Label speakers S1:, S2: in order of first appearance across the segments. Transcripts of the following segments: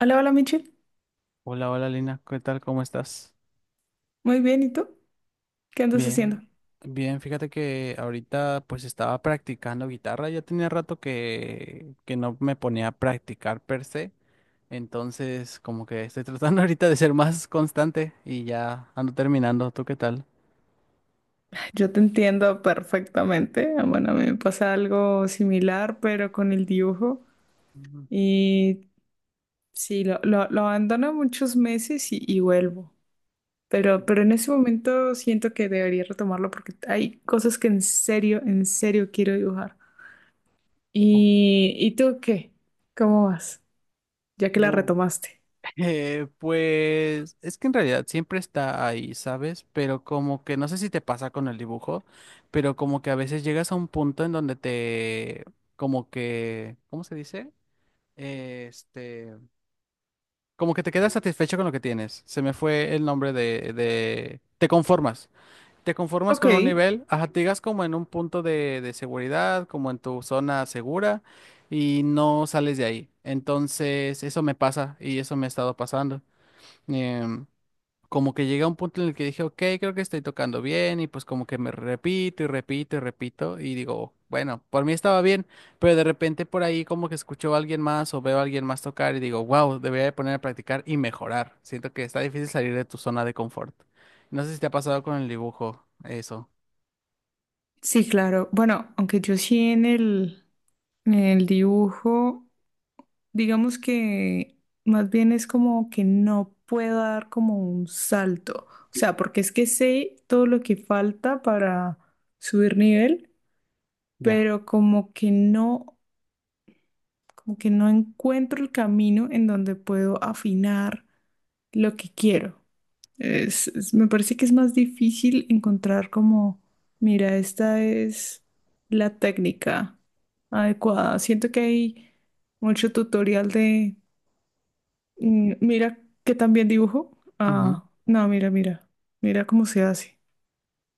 S1: Hola, hola Michelle.
S2: Hola, hola Lina, ¿qué tal? ¿Cómo estás?
S1: Muy bien, ¿y tú? ¿Qué andas haciendo?
S2: Bien, bien, fíjate que ahorita pues estaba practicando guitarra, ya tenía rato que no me ponía a practicar per se, entonces como que estoy tratando ahorita de ser más constante y ya ando terminando, ¿tú qué tal?
S1: Yo te entiendo perfectamente. Ah, bueno, a mí me pasa algo similar, pero con el dibujo.
S2: Ujú.
S1: Y sí, lo abandono muchos meses y vuelvo. Pero en ese momento siento que debería retomarlo porque hay cosas que en serio quiero dibujar.
S2: Oh,
S1: ¿Y tú qué? ¿Cómo vas? Ya que la
S2: wow.
S1: retomaste.
S2: Pues es que en realidad siempre está ahí, ¿sabes? Pero como que no sé si te pasa con el dibujo, pero como que a veces llegas a un punto en donde te, como que, ¿cómo se dice? Este, como que te quedas satisfecho con lo que tienes. Se me fue el nombre te conformas. Te conformas
S1: Ok,
S2: con un nivel, ajá, te llegas como en un punto de, seguridad, como en tu zona segura y no sales de ahí. Entonces, eso me pasa y eso me ha estado pasando. Em, Como que llegué a un punto en el que dije, ok, creo que estoy tocando bien y pues como que me repito y repito y repito y digo, bueno, por mí estaba bien, pero de repente por ahí como que escucho a alguien más o veo a alguien más tocar y digo, wow, debería de poner a practicar y mejorar. Siento que está difícil salir de tu zona de confort. No sé si te ha pasado con el dibujo, eso.
S1: sí, claro. Bueno, aunque yo sí en el dibujo. Digamos que más bien es como que no puedo dar como un salto. O sea, porque es que sé todo lo que falta para subir nivel,
S2: Ya.
S1: pero como que no encuentro el camino en donde puedo afinar lo que quiero. Me parece que es más difícil encontrar como, mira, esta es la técnica adecuada. Siento que hay mucho tutorial de mira que también dibujo.
S2: Ujú.
S1: Ah, no, mira, mira. Mira cómo se hace.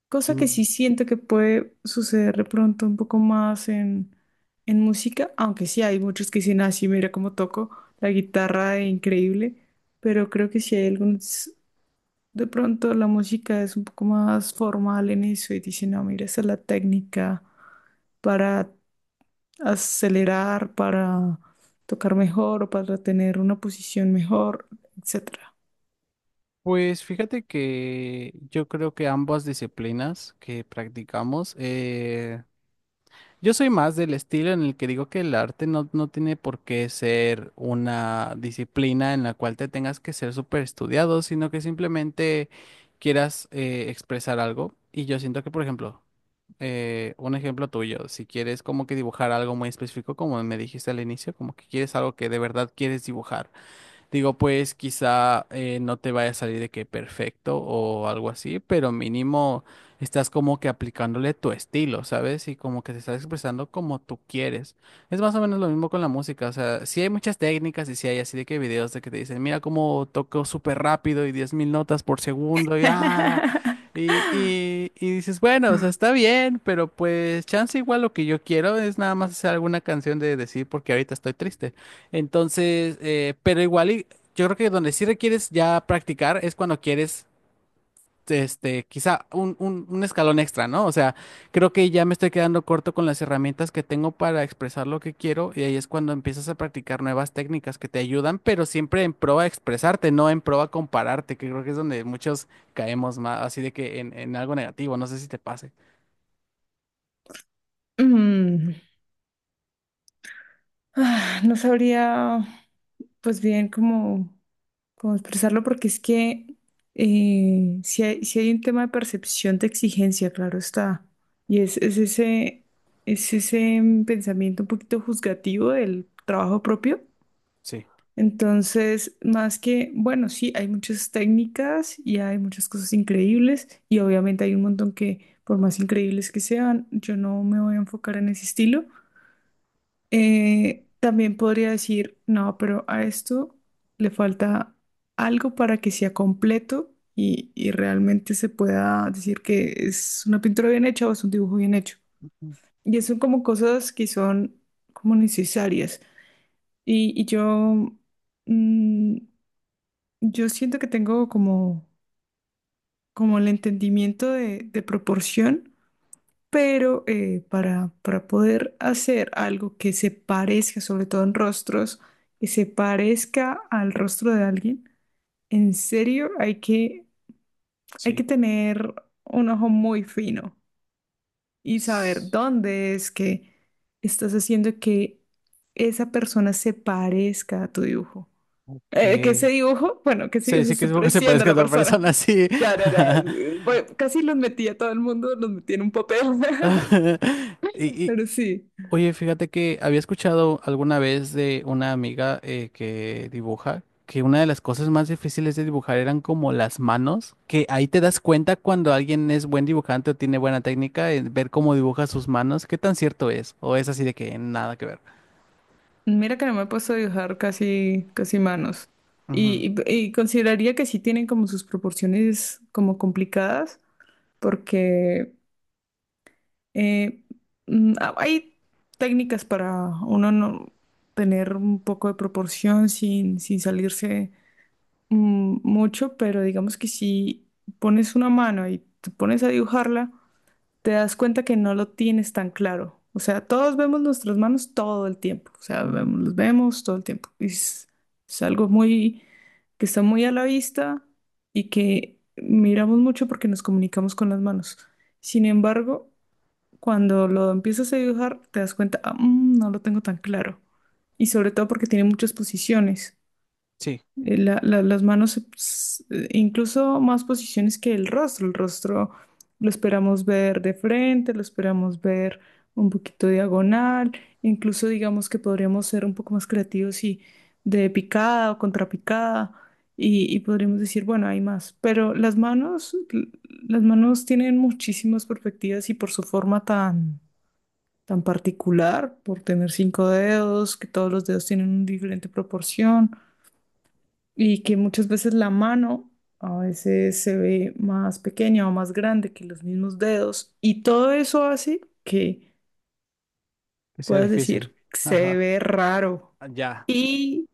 S1: Cosa que
S2: Mm,
S1: sí siento que puede suceder de pronto un poco más en, música, aunque sí hay muchos que dicen así, mira cómo toco la guitarra, increíble, pero creo que sí hay algunos, de pronto la música es un poco más formal en eso y dicen, no, mira, esa es la técnica para acelerar, para tocar mejor o para tener una posición mejor, etc.
S2: Pues fíjate que yo creo que ambas disciplinas que practicamos, yo soy más del estilo en el que digo que el arte no tiene por qué ser una disciplina en la cual te tengas que ser súper estudiado, sino que simplemente quieras expresar algo. Y yo siento que, por ejemplo, un ejemplo tuyo, si quieres como que dibujar algo muy específico, como me dijiste al inicio, como que quieres algo que de verdad quieres dibujar. Digo, pues quizá no te vaya a salir de que perfecto o algo así, pero mínimo estás como que aplicándole tu estilo, ¿sabes? Y como que te estás expresando como tú quieres. Es más o menos lo mismo con la música, o sea, sí hay muchas técnicas y sí hay así de que videos de que te dicen, mira cómo toco súper rápido y 10,000 notas por segundo y ah. Y, y, y dices, bueno, o sea, está bien, pero pues chance igual lo que yo quiero es nada más hacer alguna canción de decir porque ahorita estoy triste. Entonces, pero igual y yo creo que donde sí requieres ya practicar es cuando quieres, este, quizá un, un escalón extra, ¿no? O sea, creo que ya me estoy quedando corto con las herramientas que tengo para expresar lo que quiero y ahí es cuando empiezas a practicar nuevas técnicas que te ayudan, pero siempre en pro a expresarte, no en pro a compararte, que creo que es donde muchos caemos más, así de que en, algo negativo, no sé si te pase.
S1: Mm, No sabría, pues bien, cómo, expresarlo, porque es que si hay un tema de percepción de exigencia, claro está. Y es ese, es ese pensamiento un poquito juzgativo del trabajo propio.
S2: Sí,
S1: Entonces, más que, bueno, sí, hay muchas técnicas y hay muchas cosas increíbles y obviamente hay un montón que, por más increíbles que sean, yo no me voy a enfocar en ese estilo. También podría decir, no, pero a esto le falta algo para que sea completo y realmente se pueda decir que es una pintura bien hecha o es un dibujo bien hecho. Y eso son como cosas que son como necesarias. Y, y yo... mm, yo siento que tengo como, el entendimiento de proporción, pero para poder hacer algo que se parezca, sobre todo en rostros, que se parezca al rostro de alguien, en serio hay que
S2: sí.
S1: tener un ojo muy fino y saber
S2: S-
S1: dónde es que estás haciendo que esa persona se parezca a tu dibujo.
S2: Ok.
S1: Que ese dibujo, bueno, que ese
S2: Se
S1: dibujo se
S2: sí que
S1: esté
S2: es poco se
S1: pareciendo a
S2: parezca a
S1: la
S2: otra
S1: persona.
S2: persona, sí.
S1: Ya, ya, ya. Bueno, casi los metí a todo el mundo, los metí en un papel.
S2: Y, y-
S1: Pero sí,
S2: Oye, fíjate que había escuchado alguna vez de una amiga que dibuja que una de las cosas más difíciles de dibujar eran como las manos, que ahí te das cuenta cuando alguien es buen dibujante o tiene buena técnica, en ver cómo dibuja sus manos, qué tan cierto es, o es así de que nada que ver.
S1: mira que no me he puesto a dibujar casi, casi manos.
S2: Ujú,
S1: Y consideraría que sí tienen como sus proporciones como complicadas, porque eh, hay técnicas para uno no tener un poco de proporción sin salirse mucho, pero digamos que si pones una mano y te pones a dibujarla, te das cuenta que no lo tienes tan claro. O sea, todos vemos nuestras manos todo el tiempo. O sea,
S2: ujú.
S1: los vemos todo el tiempo. Y es algo muy que está muy a la vista y que miramos mucho porque nos comunicamos con las manos. Sin embargo, cuando lo empiezas a dibujar, te das cuenta, "Ah, no lo tengo tan claro. Y sobre todo porque tiene muchas posiciones.
S2: Sí,
S1: Las manos, incluso más posiciones que el rostro. El rostro lo esperamos ver de frente, lo esperamos ver un poquito diagonal. Incluso digamos que podríamos ser un poco más creativos y de picada o contrapicada y podríamos decir, bueno, hay más. Pero las manos tienen muchísimas perspectivas y por su forma tan particular, por tener cinco dedos, que todos los dedos tienen una diferente proporción y que muchas veces la mano a veces se ve más pequeña o más grande que los mismos dedos y todo eso hace que
S2: que sea
S1: puedas
S2: difícil.
S1: decir se
S2: Ajá,
S1: ve raro
S2: ah, ya.
S1: y,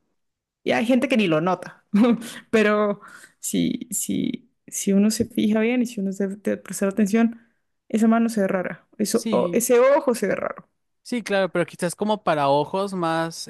S1: y hay gente que ni lo nota, pero si uno se fija bien y si uno se de prestar atención, esa mano se ve rara, eso,
S2: Sí,
S1: ese ojo se ve raro.
S2: sí, claro, pero quizás como para ojos más,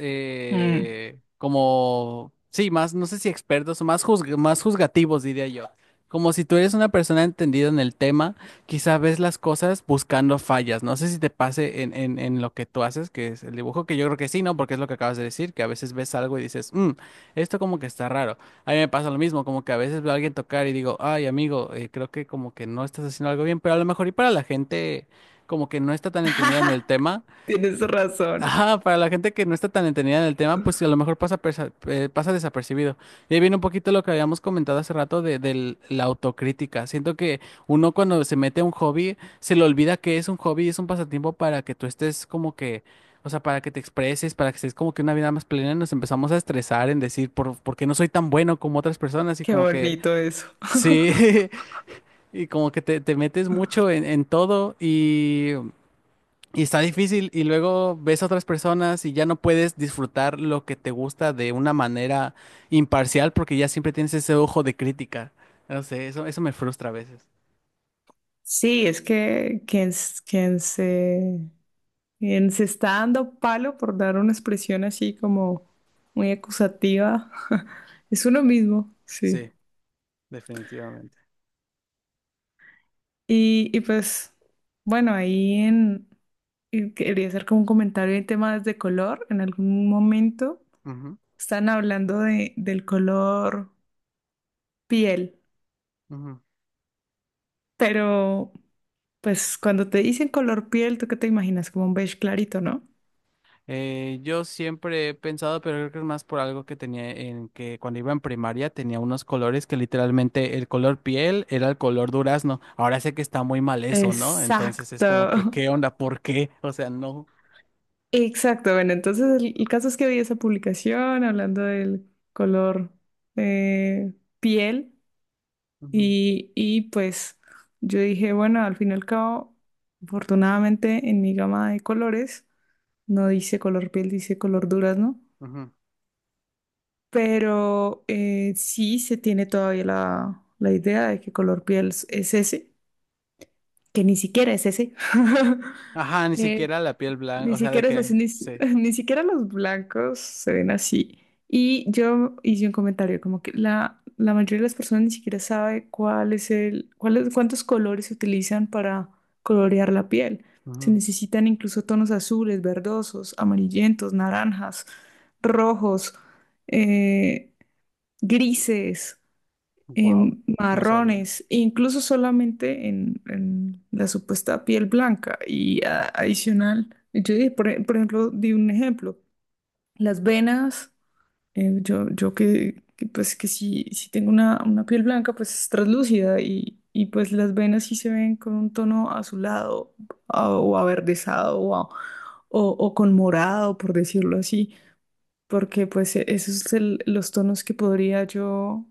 S1: Mm.
S2: como, sí, más, no sé si expertos o más, más juzgativos, diría yo. Como si tú eres una persona entendida en el tema, quizás ves las cosas buscando fallas. No sé si te pase en, en lo que tú haces, que es el dibujo, que yo creo que sí, ¿no? Porque es lo que acabas de decir, que a veces ves algo y dices, "Mm, esto como que está raro." A mí me pasa lo mismo, como que a veces veo a alguien tocar y digo, ay, amigo, creo que como que no estás haciendo algo bien, pero a lo mejor y para la gente como que no está tan entendida en el tema.
S1: Tienes razón,
S2: Ajá, para la gente que no está tan entendida en el tema, pues a lo mejor pasa, pasa desapercibido. Y ahí viene un poquito lo que habíamos comentado hace rato de la autocrítica. Siento que uno cuando se mete a un hobby, se le olvida que es un hobby y es un pasatiempo para que tú estés como que, o sea, para que te expreses, para que estés como que una vida más plena. Y nos empezamos a estresar en decir, ¿por qué no soy tan bueno como otras personas? Y
S1: qué
S2: como que,
S1: bonito eso.
S2: sí, y como que te metes mucho en, todo y está difícil y luego ves a otras personas y ya no puedes disfrutar lo que te gusta de una manera imparcial porque ya siempre tienes ese ojo de crítica. No sé, eso me frustra a veces.
S1: Sí, es que quien se Bien, se está dando palo por dar una expresión así como muy acusativa. Es uno mismo,
S2: Sí,
S1: sí.
S2: definitivamente.
S1: Y pues, bueno, y quería hacer como un comentario en temas de color. En algún momento
S2: Ujú,
S1: están hablando del color piel,
S2: ujú.
S1: pero pues cuando te dicen color piel, ¿tú qué te imaginas? Como un beige clarito, ¿no?
S2: Yo siempre he pensado, pero creo que es más por algo que tenía en que cuando iba en primaria tenía unos colores que literalmente el color piel era el color durazno. Ahora sé que está muy mal eso, ¿no? Entonces es
S1: Exacto.
S2: como que, ¿qué onda? ¿Por qué? O sea, no.
S1: Exacto, bueno, entonces el caso es que vi esa publicación hablando del color eh, piel
S2: Ujú,
S1: y pues yo dije, bueno, al fin y al cabo, afortunadamente en mi gama de colores no dice color piel, dice color durazno,
S2: ujú.
S1: pero sí se tiene todavía la idea de que color piel es ese, que ni siquiera es ese.
S2: Ajá, ni
S1: Eh,
S2: siquiera la piel blanca,
S1: Ni
S2: o sea, de
S1: siquiera es así,
S2: que,
S1: ni, si-
S2: sí.
S1: ni siquiera los blancos se ven así. Y yo hice un comentario como que la mayoría de las personas ni siquiera sabe cuál es el, cuál es- cuántos colores se utilizan para colorear la piel. Se necesitan incluso tonos azules, verdosos, amarillentos, naranjas, rojos, eh, grises
S2: Wow, no sabía.
S1: marrones, incluso solamente en, la supuesta piel blanca y adicional. Yo dije, por ejemplo, di un ejemplo, las venas, yo pues que si tengo una piel blanca, pues es translúcida y pues las venas sí se ven con un tono azulado o averdezado o con morado, por decirlo así porque pues esos son los tonos que podría yo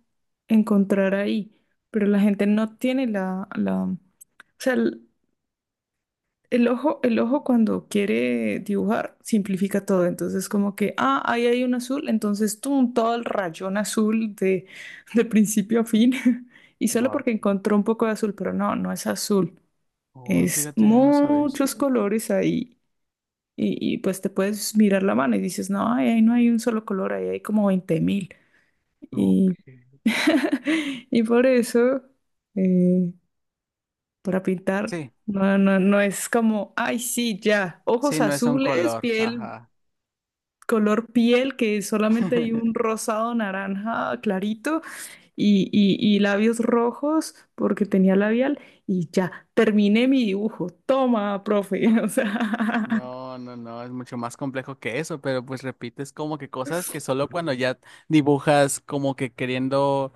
S1: encontrar ahí, pero la gente no tiene o sea, el ojo cuando quiere dibujar simplifica todo, entonces como que, ahí hay un azul, entonces tum, todo el rayón azul de principio a fin, y solo
S2: Wow.
S1: porque encontró un poco de azul, pero no, no es azul,
S2: Oh,
S1: es
S2: fíjate, no sabes.
S1: muchos colores ahí. Y, pues te puedes mirar la mano y dices, no, ay, ahí no hay un solo color, ahí hay como 20.000 y,
S2: Ok.
S1: y por eso, eh, para pintar,
S2: Sí,
S1: no, no, no es como, ay, sí, ya,
S2: sí,
S1: ojos
S2: no es un
S1: azules,
S2: color,
S1: piel,
S2: ajá.
S1: color piel, que solamente hay un rosado naranja clarito y labios rojos, porque tenía labial, y ya, terminé mi dibujo. Toma, profe. O sea,
S2: No, no, no, es mucho más complejo que eso, pero pues repites como que cosas que solo cuando ya dibujas como que queriendo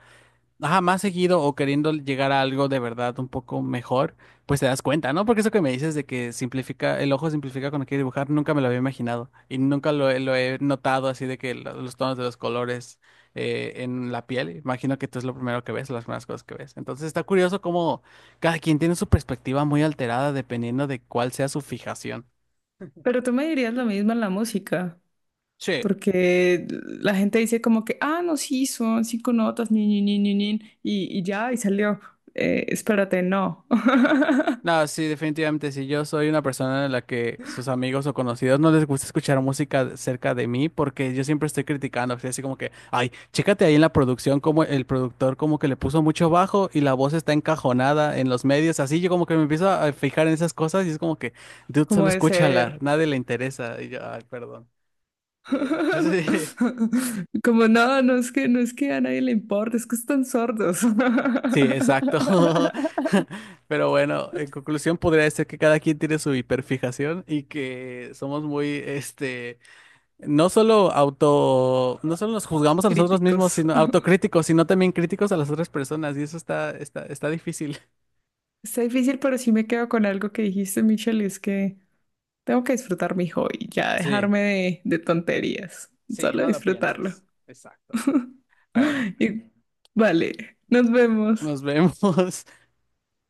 S2: ajá, más seguido o queriendo llegar a algo de verdad un poco mejor, pues te das cuenta, ¿no? Porque eso que me dices de que simplifica, el ojo simplifica cuando quiere dibujar, nunca me lo había imaginado y nunca lo he notado así de que los tonos de los colores en la piel, imagino que tú es lo primero que ves, las primeras cosas que ves. Entonces está curioso cómo cada quien tiene su perspectiva muy alterada dependiendo de cuál sea su fijación.
S1: pero tú me dirías lo mismo en la música.
S2: Sí.
S1: Porque la gente dice como que, no, sí, son cinco notas, ni, ni, ni, ni, ni", y ya, y salió. Espérate, no,
S2: No, sí, definitivamente si yo soy una persona en la que sus amigos o conocidos no les gusta escuchar música cerca de mí porque yo siempre estoy criticando, así así como que, ay, chécate ahí en la producción como el productor como que le puso mucho bajo y la voz está encajonada en los medios, así yo como que me empiezo a fijar en esas cosas y es como que, dude, solo
S1: como de
S2: escúchala,
S1: ser.
S2: nadie le interesa y yo, ay, perdón. Y ya. Sí.
S1: Como no, no es que, a nadie le importa, es que están sordos.
S2: Sí, exacto. Pero bueno, en conclusión podría decir que cada quien tiene su hiperfijación y que somos muy, este, no solo no solo nos juzgamos a nosotros mismos,
S1: Críticos.
S2: sino autocríticos, sino también críticos a las otras personas, y eso está está difícil.
S1: Está difícil, pero sí me quedo con algo que dijiste, Michelle, y es que tengo que disfrutar mi hobby, ya
S2: Sí,
S1: dejarme de tonterías,
S2: sí,
S1: solo
S2: no lo
S1: disfrutarlo.
S2: pienses. Exacto. Bueno,
S1: Y vale, nos vemos.
S2: nos vemos.